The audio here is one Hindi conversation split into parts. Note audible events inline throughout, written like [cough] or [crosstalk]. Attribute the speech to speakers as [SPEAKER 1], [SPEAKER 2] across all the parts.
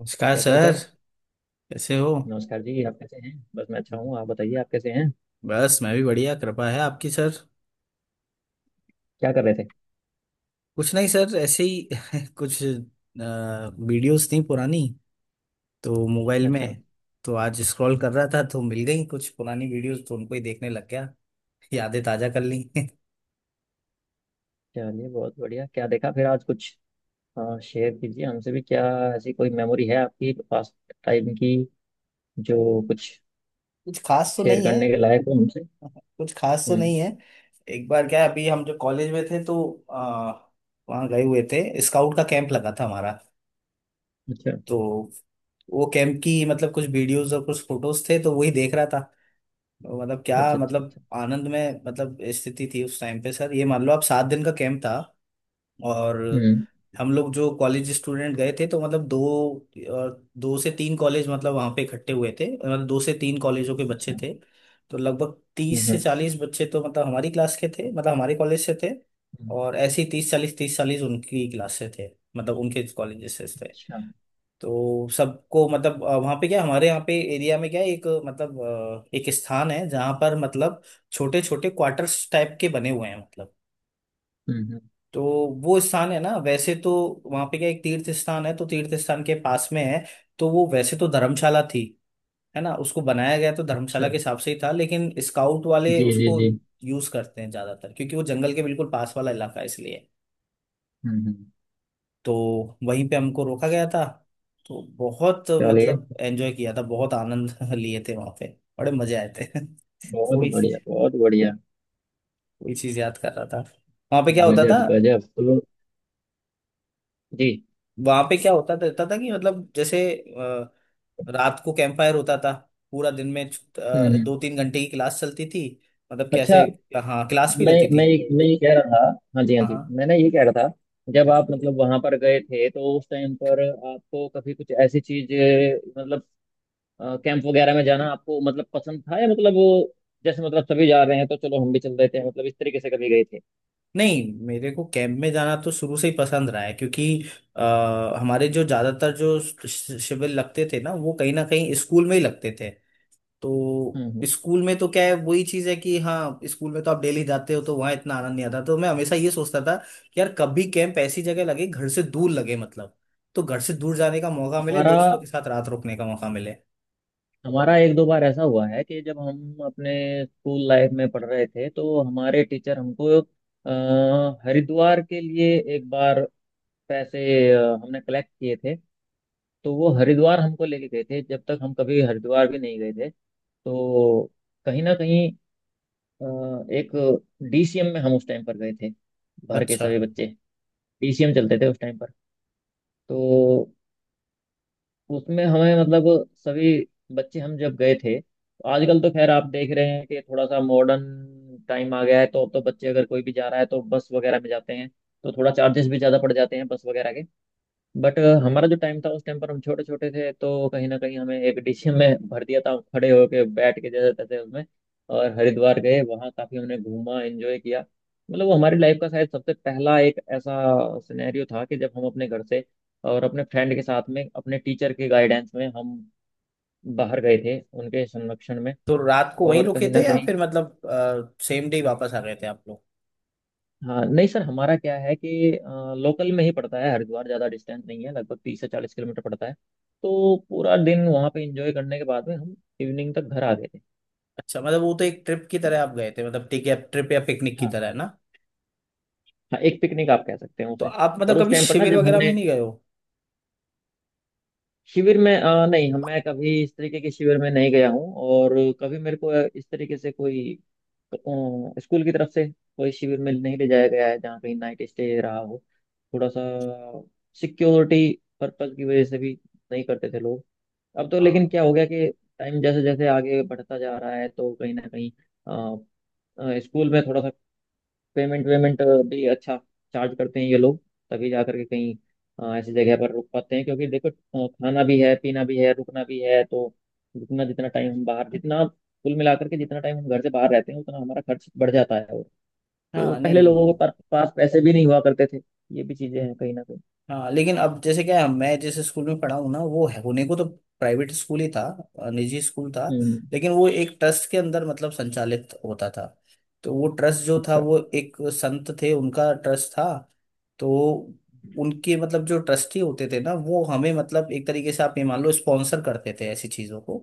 [SPEAKER 1] नमस्कार
[SPEAKER 2] कैसे हो
[SPEAKER 1] सर।
[SPEAKER 2] सर।
[SPEAKER 1] कैसे हो।
[SPEAKER 2] नमस्कार जी, आप कैसे हैं? बस मैं अच्छा हूँ, आप बताइए, आप कैसे हैं?
[SPEAKER 1] बस मैं भी बढ़िया। कृपा है आपकी सर।
[SPEAKER 2] क्या कर रहे थे?
[SPEAKER 1] कुछ नहीं सर, ऐसे ही। [laughs] कुछ वीडियोस थी पुरानी, तो मोबाइल
[SPEAKER 2] अच्छा।
[SPEAKER 1] में। तो आज स्क्रॉल कर रहा था तो मिल गई कुछ पुरानी वीडियोस, तो उनको ही देखने लग गया। [laughs] यादें ताजा कर ली। [laughs]
[SPEAKER 2] चलिए बहुत बढ़िया। क्या देखा फिर आज कुछ? शेयर कीजिए हमसे भी क्या ऐसी कोई मेमोरी है आपकी पास, टाइम की, जो कुछ
[SPEAKER 1] कुछ खास तो
[SPEAKER 2] शेयर
[SPEAKER 1] नहीं है।
[SPEAKER 2] करने के लायक हो हमसे।
[SPEAKER 1] [laughs] कुछ खास तो
[SPEAKER 2] हम्म।
[SPEAKER 1] नहीं है। एक बार क्या है, अभी हम जो कॉलेज में थे तो अ, वहाँ गए हुए थे, स्काउट का कैंप लगा था हमारा।
[SPEAKER 2] अच्छा,
[SPEAKER 1] तो वो कैंप की मतलब कुछ वीडियोस और कुछ फोटोज थे, तो वही देख रहा था। तो मतलब क्या,
[SPEAKER 2] अच्छा, अच्छा।
[SPEAKER 1] मतलब
[SPEAKER 2] अच्छा।
[SPEAKER 1] आनंद में, मतलब स्थिति थी उस टाइम पे सर। ये मान लो आप, 7 दिन का कैंप था। और
[SPEAKER 2] हम्म।
[SPEAKER 1] हम लोग जो कॉलेज स्टूडेंट गए थे, तो मतलब दो और 2 से 3 कॉलेज मतलब वहाँ पे इकट्ठे हुए थे, मतलब 2 से 3 कॉलेजों के बच्चे
[SPEAKER 2] अच्छा।
[SPEAKER 1] थे। तो लगभग तीस
[SPEAKER 2] हम्म,
[SPEAKER 1] से चालीस बच्चे तो मतलब हमारी क्लास के थे, मतलब हमारे कॉलेज से थे।
[SPEAKER 2] हम्म।
[SPEAKER 1] और ऐसे ही 30 40, 30 40 उनकी क्लास से थे, मतलब उनके कॉलेज से थे।
[SPEAKER 2] अच्छा।
[SPEAKER 1] तो सबको मतलब, वहाँ पे क्या, हमारे यहाँ पे एरिया में क्या है, एक मतलब एक स्थान है जहाँ पर मतलब छोटे छोटे क्वार्टर्स टाइप के बने हुए हैं, मतलब।
[SPEAKER 2] हम्म, हम्म।
[SPEAKER 1] तो वो स्थान है ना, वैसे तो वहाँ पे क्या, एक तीर्थ स्थान है, तो तीर्थ स्थान के पास में है। तो वो वैसे तो धर्मशाला थी, है ना, उसको बनाया गया तो धर्मशाला
[SPEAKER 2] अच्छा।
[SPEAKER 1] के हिसाब से ही था, लेकिन स्काउट वाले
[SPEAKER 2] जी, जी,
[SPEAKER 1] उसको
[SPEAKER 2] जी।
[SPEAKER 1] यूज करते हैं ज्यादातर, क्योंकि वो जंगल के बिल्कुल पास वाला इलाका है, इसलिए।
[SPEAKER 2] हम्म, हम्म।
[SPEAKER 1] तो वहीं पे हमको रोका गया था। तो बहुत
[SPEAKER 2] चलिए,
[SPEAKER 1] मतलब एंजॉय किया था, बहुत आनंद [laughs] लिए थे वहां पे। बड़े मजे आए थे। [laughs] तो
[SPEAKER 2] बहुत
[SPEAKER 1] वही चीज,
[SPEAKER 2] बढ़िया, बहुत बढ़िया।
[SPEAKER 1] वही चीज याद कर रहा था। वहां पे क्या होता था,
[SPEAKER 2] गजब, गजब। तो जी।
[SPEAKER 1] वहां पे क्या होता था, होता था कि मतलब जैसे रात को कैंप फायर होता था। पूरा दिन में
[SPEAKER 2] हम्म,
[SPEAKER 1] 2 3 घंटे की क्लास चलती थी, मतलब
[SPEAKER 2] अच्छा।
[SPEAKER 1] कैसे। हाँ, क्लास भी
[SPEAKER 2] मैं
[SPEAKER 1] रहती
[SPEAKER 2] मैं
[SPEAKER 1] थी।
[SPEAKER 2] ये- मैं ये कह रहा था। हाँ जी, हाँ
[SPEAKER 1] हाँ
[SPEAKER 2] जी,
[SPEAKER 1] हाँ।
[SPEAKER 2] मैं ना ये कह रहा था, जब आप मतलब वहां पर गए थे तो उस टाइम पर आपको कभी कुछ ऐसी चीज, मतलब कैंप वगैरह में जाना आपको मतलब पसंद था, या मतलब वो जैसे मतलब सभी जा रहे हैं तो चलो हम भी चल देते हैं, मतलब इस तरीके से कभी गए थे?
[SPEAKER 1] नहीं, मेरे को कैंप में जाना तो शुरू से ही पसंद रहा है, क्योंकि हमारे जो ज्यादातर जो शिविर लगते थे ना, वो कहीं ना कहीं स्कूल में ही लगते थे। तो
[SPEAKER 2] हम्म,
[SPEAKER 1] स्कूल में तो क्या है, वही चीज है कि हाँ स्कूल में तो आप डेली जाते हो, तो वहाँ इतना आनंद नहीं आता। तो मैं हमेशा ये सोचता था कि यार कभी कैंप ऐसी जगह लगे, घर से दूर
[SPEAKER 2] हम्म।
[SPEAKER 1] लगे, मतलब। तो घर से दूर जाने का मौका मिले,
[SPEAKER 2] हमारा
[SPEAKER 1] दोस्तों के साथ रात रुकने का मौका मिले।
[SPEAKER 2] हमारा एक दो बार ऐसा हुआ है कि जब हम अपने स्कूल लाइफ में पढ़ रहे थे तो हमारे टीचर हमको अ, हरिद्वार के लिए एक बार पैसे, हमने कलेक्ट किए थे, तो वो हरिद्वार हमको लेके गए थे। जब तक हम कभी हरिद्वार भी नहीं गए थे, तो कहीं ना कहीं अ, एक डीसीएम में हम उस टाइम पर गए थे, भर के
[SPEAKER 1] अच्छा,
[SPEAKER 2] सभी बच्चे। डीसीएम चलते थे उस टाइम पर। तो उसमें हमें मतलब सभी बच्चे हम जब गए थे, तो आजकल तो खैर आप देख रहे हैं कि थोड़ा सा मॉडर्न टाइम आ गया है, तो अब तो बच्चे अगर कोई भी जा रहा है तो बस वगैरह में जाते हैं, तो थोड़ा चार्जेस भी ज़्यादा पड़ जाते हैं बस वगैरह के। बट हमारा जो टाइम था उस टाइम पर हम छोटे छोटे थे, तो कहीं ना कहीं हमें एक डिश में भर दिया था, खड़े होके बैठ के जैसे तैसे उसमें। और हरिद्वार गए, वहाँ काफी हमने घूमा, एंजॉय किया। मतलब वो हमारी लाइफ का शायद सबसे पहला एक ऐसा सिनेरियो था कि जब हम अपने घर से और अपने फ्रेंड के साथ में अपने टीचर के गाइडेंस में हम बाहर गए थे, उनके संरक्षण में।
[SPEAKER 1] तो रात को वहीं
[SPEAKER 2] और
[SPEAKER 1] रुके
[SPEAKER 2] कहीं ना
[SPEAKER 1] थे या
[SPEAKER 2] कहीं,
[SPEAKER 1] फिर मतलब सेम डे वापस आ गए थे आप लोग?
[SPEAKER 2] हाँ नहीं सर, हमारा क्या है कि लोकल में ही पड़ता है हरिद्वार, ज़्यादा डिस्टेंस नहीं है, लगभग 30 से 40 किलोमीटर पड़ता है। तो पूरा दिन वहाँ पे एंजॉय करने के बाद में हम इवनिंग तक घर आ गए थे।
[SPEAKER 1] अच्छा, मतलब वो तो एक ट्रिप की तरह आप गए थे मतलब, ठीक है, ट्रिप या पिकनिक की
[SPEAKER 2] हाँ।
[SPEAKER 1] तरह, है ना।
[SPEAKER 2] हाँ, एक पिकनिक आप कह सकते हैं
[SPEAKER 1] तो
[SPEAKER 2] उसे।
[SPEAKER 1] आप मतलब
[SPEAKER 2] और उस
[SPEAKER 1] कभी
[SPEAKER 2] टाइम पर ना,
[SPEAKER 1] शिविर
[SPEAKER 2] जब
[SPEAKER 1] वगैरह में
[SPEAKER 2] हमने
[SPEAKER 1] नहीं गए हो?
[SPEAKER 2] शिविर में नहीं, हम मैं कभी इस तरीके के शिविर में नहीं गया हूँ, और कभी मेरे को इस तरीके से कोई अ, स्कूल की तरफ से कोई शिविर में नहीं ले जाया गया है जहाँ कहीं नाइट स्टे रहा हो। थोड़ा सा सिक्योरिटी पर्पज की वजह से भी नहीं करते थे लोग। अब तो लेकिन
[SPEAKER 1] हाँ
[SPEAKER 2] क्या हो गया कि टाइम जैसे जैसे आगे बढ़ता जा रहा है तो कहीं ना कहीं अ, स्कूल में थोड़ा सा पेमेंट वेमेंट भी अच्छा चार्ज करते हैं ये लोग, तभी जा करके कहीं ऐसी जगह पर रुक पाते हैं, क्योंकि देखो खाना भी है, पीना भी है, रुकना भी है, तो रुकना जितना टाइम हम बाहर, जितना कुल मिलाकर के जितना टाइम हम घर से बाहर रहते हैं, उतना हमारा खर्च बढ़ जाता है। और तो
[SPEAKER 1] हाँ।
[SPEAKER 2] पहले
[SPEAKER 1] नहीं
[SPEAKER 2] लोगों
[SPEAKER 1] वो।
[SPEAKER 2] के पास पैसे भी नहीं हुआ करते थे, ये भी चीजें हैं कहीं ना कहीं।
[SPEAKER 1] हाँ, लेकिन अब जैसे क्या है, मैं जिस स्कूल में पढ़ा हूँ ना, वो है होने को तो प्राइवेट स्कूल ही था, निजी स्कूल था।
[SPEAKER 2] हम्म।
[SPEAKER 1] लेकिन वो एक ट्रस्ट के अंदर मतलब संचालित होता था। तो वो ट्रस्ट जो था,
[SPEAKER 2] अच्छा,
[SPEAKER 1] वो एक संत थे, उनका ट्रस्ट था। तो उनके मतलब जो ट्रस्टी होते थे ना, वो हमें मतलब एक तरीके से आप ये मान लो स्पॉन्सर करते थे ऐसी चीज़ों को।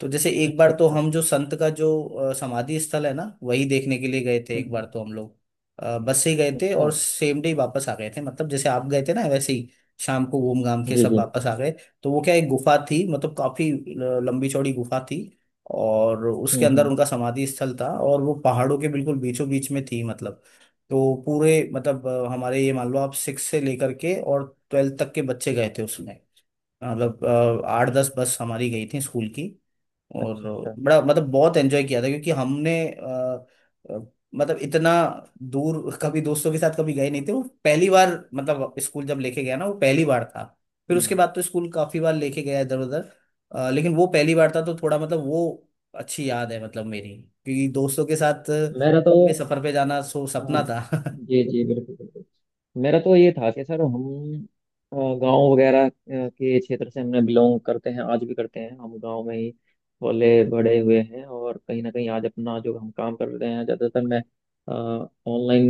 [SPEAKER 1] तो जैसे एक बार
[SPEAKER 2] अच्छा,
[SPEAKER 1] तो
[SPEAKER 2] अच्छा।
[SPEAKER 1] हम जो संत का जो समाधि स्थल है ना, वही देखने के लिए गए थे एक बार
[SPEAKER 2] हम्म।
[SPEAKER 1] तो हम लोग। बस से ही गए थे
[SPEAKER 2] अच्छा।
[SPEAKER 1] और सेम डे वापस आ गए थे, मतलब जैसे आप गए थे ना वैसे ही, शाम को घूम घाम के
[SPEAKER 2] जी,
[SPEAKER 1] सब
[SPEAKER 2] जी।
[SPEAKER 1] वापस आ गए। तो वो क्या, एक गुफा थी, मतलब काफी लंबी चौड़ी गुफा थी। और उसके
[SPEAKER 2] हम्म,
[SPEAKER 1] अंदर
[SPEAKER 2] हम्म।
[SPEAKER 1] उनका समाधि स्थल था, और वो पहाड़ों के बिल्कुल बीचों बीच में थी, मतलब। तो पूरे मतलब, हमारे ये मान लो आप 6 से लेकर के और 12वीं तक के बच्चे गए थे उसमें, मतलब, 8 10 बस हमारी गई थी स्कूल की। और
[SPEAKER 2] अच्छा, अच्छा।
[SPEAKER 1] बड़ा मतलब बहुत एंजॉय किया था, क्योंकि हमने अ, मतलब इतना दूर कभी दोस्तों के साथ कभी गए नहीं थे, वो पहली बार। मतलब स्कूल जब लेके गया ना, वो पहली बार था। फिर उसके
[SPEAKER 2] हम्म।
[SPEAKER 1] बाद तो स्कूल काफी बार लेके गया इधर उधर। लेकिन वो पहली बार था तो थोड़ा मतलब, वो अच्छी याद है मतलब मेरी। क्योंकि दोस्तों के साथ
[SPEAKER 2] मेरा तो,
[SPEAKER 1] लंबे सफर पे जाना सो
[SPEAKER 2] हाँ,
[SPEAKER 1] सपना था। [laughs]
[SPEAKER 2] जी जी, बिल्कुल बिल्कुल, मेरा तो ये था कि सर हम गांव वगैरह के क्षेत्र से हमने बिलोंग करते हैं, आज भी करते हैं, हम गांव में ही पले बड़े हुए हैं। और कहीं ना कहीं आज अपना जो हम काम कर रहे हैं, ज़्यादातर मैं ऑनलाइन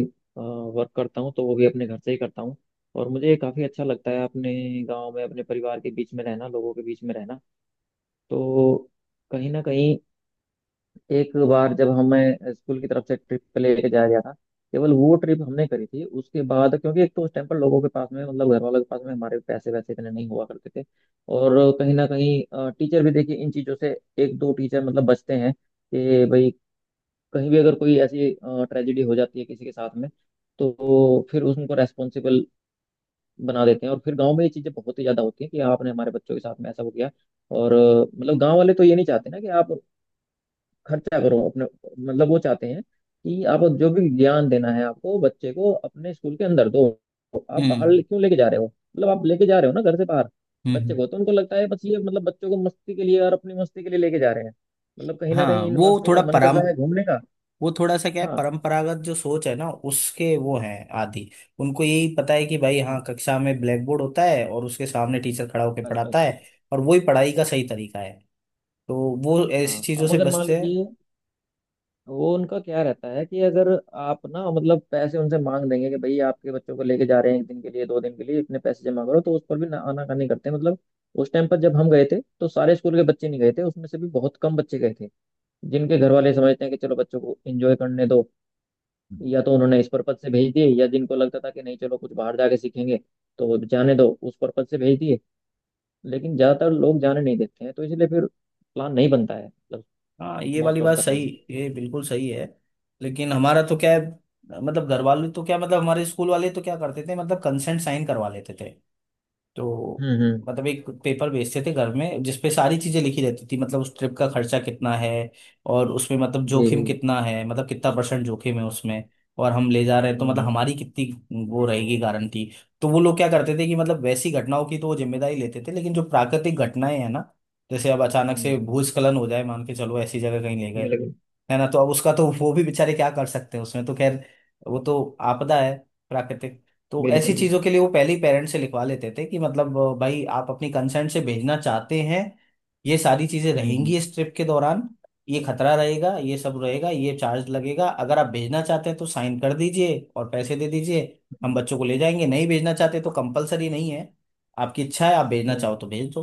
[SPEAKER 2] वर्क करता हूँ, तो वो भी अपने घर से ही करता हूँ, और मुझे काफ़ी अच्छा लगता है अपने गांव में अपने परिवार के बीच में रहना, लोगों के बीच में रहना। तो कहीं ना कहीं एक बार जब हमें स्कूल की तरफ से ट्रिप पे लेके जाया गया था, केवल वो ट्रिप हमने करी थी उसके बाद, क्योंकि एक तो उस टाइम पर लोगों के पास में, मतलब घर वालों के पास में हमारे पैसे वैसे इतने नहीं हुआ करते थे। और कहीं ना कहीं टीचर भी, देखिए, इन चीज़ों से एक दो टीचर मतलब बचते हैं कि भाई कहीं भी अगर कोई ऐसी ट्रेजेडी हो जाती है किसी के साथ में, तो फिर उसको रेस्पॉन्सिबल बना देते हैं। और फिर गाँव में ये चीज़ें बहुत ही ज़्यादा होती हैं कि आपने हमारे बच्चों के साथ में ऐसा हो गया। और मतलब गाँव वाले तो ये नहीं चाहते ना कि आप खर्चा करो अपने, मतलब वो चाहते हैं कि आप जो भी ज्ञान देना है आपको बच्चे को अपने स्कूल के अंदर दो, आप बाहर
[SPEAKER 1] हम्म
[SPEAKER 2] क्यों लेके जा रहे हो, मतलब आप लेके जा रहे हो ना घर से बाहर
[SPEAKER 1] हम्म
[SPEAKER 2] बच्चे
[SPEAKER 1] हम्म।
[SPEAKER 2] को, तो उनको लगता है बस ये मतलब बच्चों को मस्ती के लिए और अपनी मस्ती के लिए लेके जा रहे हैं, मतलब कहीं ना
[SPEAKER 1] हाँ,
[SPEAKER 2] कहीं इन
[SPEAKER 1] वो
[SPEAKER 2] मास्टरों का
[SPEAKER 1] थोड़ा,
[SPEAKER 2] मन कर रहा है घूमने का।
[SPEAKER 1] वो थोड़ा सा क्या है,
[SPEAKER 2] हाँ।
[SPEAKER 1] परंपरागत जो सोच है ना, उसके वो हैं आदि। उनको यही पता है कि भाई हाँ,
[SPEAKER 2] हम्म,
[SPEAKER 1] कक्षा में ब्लैक बोर्ड होता है और उसके सामने टीचर खड़ा होकर
[SPEAKER 2] बस
[SPEAKER 1] पढ़ाता
[SPEAKER 2] बस बस
[SPEAKER 1] है,
[SPEAKER 2] बस।
[SPEAKER 1] और वही पढ़ाई का सही तरीका है। तो वो
[SPEAKER 2] हाँ,
[SPEAKER 1] ऐसी चीजों
[SPEAKER 2] अब
[SPEAKER 1] से
[SPEAKER 2] अगर मान
[SPEAKER 1] बचते हैं।
[SPEAKER 2] लीजिए वो, उनका क्या रहता है कि अगर आप ना मतलब पैसे उनसे मांग देंगे कि भाई आपके बच्चों को लेके जा रहे हैं, एक दिन के लिए, दो दिन के लिए इतने पैसे जमा करो, तो उस पर भी ना आनाकानी करते हैं मतलब। उस टाइम पर जब हम गए थे तो सारे स्कूल के बच्चे नहीं गए थे, उसमें से भी बहुत कम बच्चे गए थे, जिनके घर वाले समझते हैं कि चलो बच्चों को एंजॉय करने दो, या तो उन्होंने इस पर्पज से भेज दिए, या जिनको लगता था कि नहीं चलो कुछ बाहर जाके सीखेंगे तो जाने दो, उस पर्पज से भेज दिए। लेकिन ज्यादातर लोग जाने नहीं देते हैं, तो इसलिए फिर प्लान नहीं बनता है मतलब,
[SPEAKER 1] हाँ, ये वाली
[SPEAKER 2] मोस्ट ऑफ
[SPEAKER 1] बात
[SPEAKER 2] द
[SPEAKER 1] सही,
[SPEAKER 2] टाइम।
[SPEAKER 1] ये बिल्कुल सही है। लेकिन हमारा तो क्या है, मतलब घर वाले तो क्या, मतलब हमारे स्कूल वाले तो क्या करते थे, मतलब कंसेंट साइन करवा लेते थे। तो
[SPEAKER 2] हम्म, हम्म।
[SPEAKER 1] मतलब एक पेपर बेचते थे घर में, जिसपे सारी चीजें लिखी रहती थी, मतलब उस ट्रिप का खर्चा कितना है। और उसमें मतलब
[SPEAKER 2] जी,
[SPEAKER 1] जोखिम
[SPEAKER 2] जी।
[SPEAKER 1] कितना है, मतलब कितना परसेंट जोखिम है उसमें, और हम ले जा रहे हैं तो
[SPEAKER 2] हम्म,
[SPEAKER 1] मतलब
[SPEAKER 2] हम्म।
[SPEAKER 1] हमारी कितनी वो रहेगी गारंटी। तो वो लोग क्या करते थे कि मतलब वैसी घटनाओं की तो वो जिम्मेदारी लेते थे, लेकिन जो प्राकृतिक भटनाएं हैं ना। जैसे अब अचानक
[SPEAKER 2] हम्म,
[SPEAKER 1] से
[SPEAKER 2] हम्म।
[SPEAKER 1] भूस्खलन हो जाए, मान के चलो ऐसी जगह कहीं ले गए,
[SPEAKER 2] बिल्कुल,
[SPEAKER 1] है ना। तो अब उसका तो वो भी बेचारे क्या कर सकते हैं उसमें, तो खैर वो तो आपदा है, प्राकृतिक। तो ऐसी
[SPEAKER 2] बिल्कुल,
[SPEAKER 1] चीजों के लिए
[SPEAKER 2] बिल्कुल।
[SPEAKER 1] वो पहले ही पेरेंट्स से लिखवा लेते थे कि मतलब, भाई आप अपनी कंसेंट से भेजना चाहते हैं। ये सारी चीजें
[SPEAKER 2] हम्म, हम्म।
[SPEAKER 1] रहेंगी इस ट्रिप के दौरान, ये खतरा रहेगा, ये सब रहेगा, ये चार्ज लगेगा। अगर आप भेजना चाहते हैं तो साइन कर दीजिए और पैसे दे दीजिए। हम बच्चों को ले जाएंगे। नहीं भेजना चाहते तो कंपलसरी नहीं है, आपकी इच्छा है, आप भेजना
[SPEAKER 2] हम्म,
[SPEAKER 1] चाहो
[SPEAKER 2] हम्म।
[SPEAKER 1] तो भेज दो।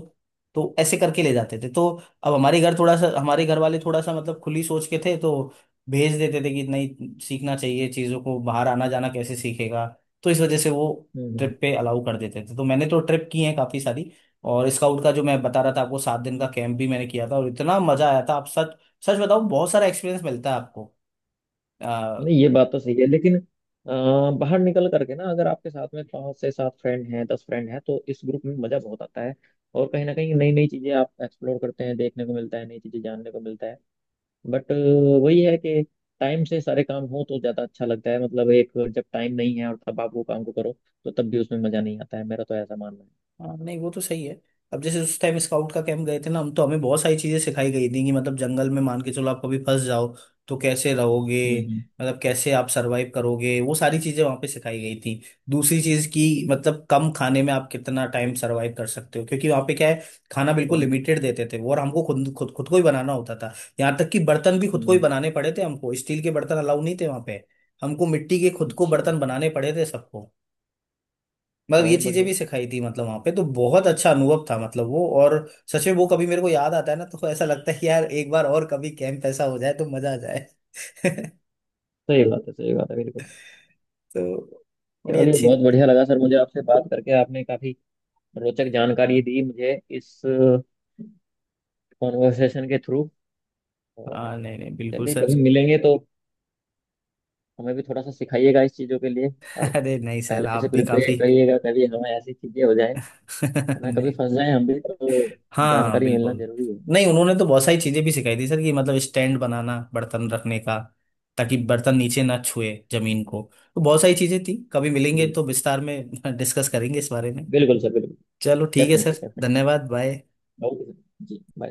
[SPEAKER 1] तो ऐसे करके ले जाते थे, तो अब हमारे घर थोड़ा सा, हमारे घर वाले थोड़ा सा मतलब खुली सोच के थे, तो भेज देते थे कि नहीं सीखना चाहिए चीज़ों को, बाहर आना जाना कैसे सीखेगा। तो इस वजह से वो
[SPEAKER 2] हम्म, हम्म।
[SPEAKER 1] ट्रिप पे अलाउ कर देते थे, तो मैंने तो ट्रिप की है काफ़ी सारी। और स्काउट का जो मैं बता रहा था आपको, 7 दिन का कैंप भी मैंने किया था, और इतना मज़ा आया था। आप सच सच बताऊं, बहुत सारा एक्सपीरियंस मिलता है आपको।
[SPEAKER 2] नहीं ये बात तो सही है, लेकिन बाहर निकल करके ना, अगर आपके साथ में पांच से सात फ्रेंड हैं, 10 फ्रेंड हैं, तो इस ग्रुप में मजा बहुत आता है, और कहीं ना कहीं नई नई चीजें आप एक्सप्लोर करते हैं, देखने को मिलता है, नई चीजें जानने को मिलता है। बट वही है कि टाइम से सारे काम हो तो ज्यादा अच्छा लगता है, मतलब एक जब टाइम नहीं है, और तब आप वो काम को करो तो तब भी उसमें मजा नहीं आता है, मेरा तो ऐसा मानना है।
[SPEAKER 1] हाँ, नहीं वो तो सही है। अब जैसे उस टाइम स्काउट का कैंप गए थे ना हम, तो हमें बहुत सारी चीजें सिखाई गई थी कि मतलब जंगल में मान के चलो आप कभी फंस जाओ, तो कैसे रहोगे।
[SPEAKER 2] हम्म, हम्म।
[SPEAKER 1] मतलब कैसे आप सरवाइव करोगे, वो सारी चीजें वहां पे सिखाई गई थी। दूसरी चीज की मतलब कम खाने में आप कितना टाइम सरवाइव कर सकते हो। क्योंकि वहां पे क्या है, खाना बिल्कुल
[SPEAKER 2] बहुत बढ़िया।
[SPEAKER 1] लिमिटेड देते थे वो, और हमको खुद खुद खुद को ही बनाना होता था। यहाँ तक कि बर्तन भी खुद को ही
[SPEAKER 2] हम्म,
[SPEAKER 1] बनाने पड़े थे हमको, स्टील के बर्तन अलाउ नहीं थे वहां पे। हमको मिट्टी के खुद को
[SPEAKER 2] अच्छा।
[SPEAKER 1] बर्तन बनाने पड़े थे सबको। मतलब ये
[SPEAKER 2] बहुत
[SPEAKER 1] चीजें
[SPEAKER 2] बढ़िया।
[SPEAKER 1] भी सिखाई थी, मतलब वहां पे तो बहुत अच्छा अनुभव था मतलब वो। और सच में वो कभी मेरे को याद आता है ना, तो ऐसा लगता है कि यार एक बार और कभी कैंप ऐसा हो जाए तो मजा आ जाए। [laughs]
[SPEAKER 2] सही बात है, सही बात है, बिल्कुल।
[SPEAKER 1] तो बड़ी
[SPEAKER 2] चलिए
[SPEAKER 1] अच्छी।
[SPEAKER 2] बहुत बढ़िया लगा सर मुझे आपसे बात करके, आपने काफी रोचक जानकारी दी मुझे इस कॉन्वर्सेशन के थ्रू। और
[SPEAKER 1] हाँ नहीं नहीं बिल्कुल
[SPEAKER 2] चलिए
[SPEAKER 1] सर।
[SPEAKER 2] कभी मिलेंगे तो हमें भी थोड़ा सा सिखाइएगा इस चीजों के लिए। अब
[SPEAKER 1] [laughs] अरे नहीं सर,
[SPEAKER 2] पहले से
[SPEAKER 1] आप भी
[SPEAKER 2] प्रिपेयर
[SPEAKER 1] काफी।
[SPEAKER 2] करिएगा, कभी हमें ऐसी चीजें हो जाए,
[SPEAKER 1] [laughs]
[SPEAKER 2] ना कभी
[SPEAKER 1] नहीं।
[SPEAKER 2] फंस जाए हम भी तो,
[SPEAKER 1] हाँ
[SPEAKER 2] जानकारी मिलना
[SPEAKER 1] बिल्कुल।
[SPEAKER 2] जरूरी है।
[SPEAKER 1] नहीं, उन्होंने तो बहुत सारी चीजें भी सिखाई थी सर, कि मतलब स्टैंड बनाना बर्तन
[SPEAKER 2] हम्म,
[SPEAKER 1] रखने का, ताकि बर्तन नीचे ना छुए जमीन
[SPEAKER 2] हम्म,
[SPEAKER 1] को। तो बहुत सारी चीजें थी, कभी मिलेंगे
[SPEAKER 2] जी।
[SPEAKER 1] तो विस्तार में [laughs] डिस्कस करेंगे इस बारे में।
[SPEAKER 2] बिल्कुल सर, बिल्कुल।
[SPEAKER 1] चलो ठीक है
[SPEAKER 2] डेफिनेटली,
[SPEAKER 1] सर,
[SPEAKER 2] डेफिनेटली।
[SPEAKER 1] धन्यवाद, bye.
[SPEAKER 2] Okay sir ji, bye.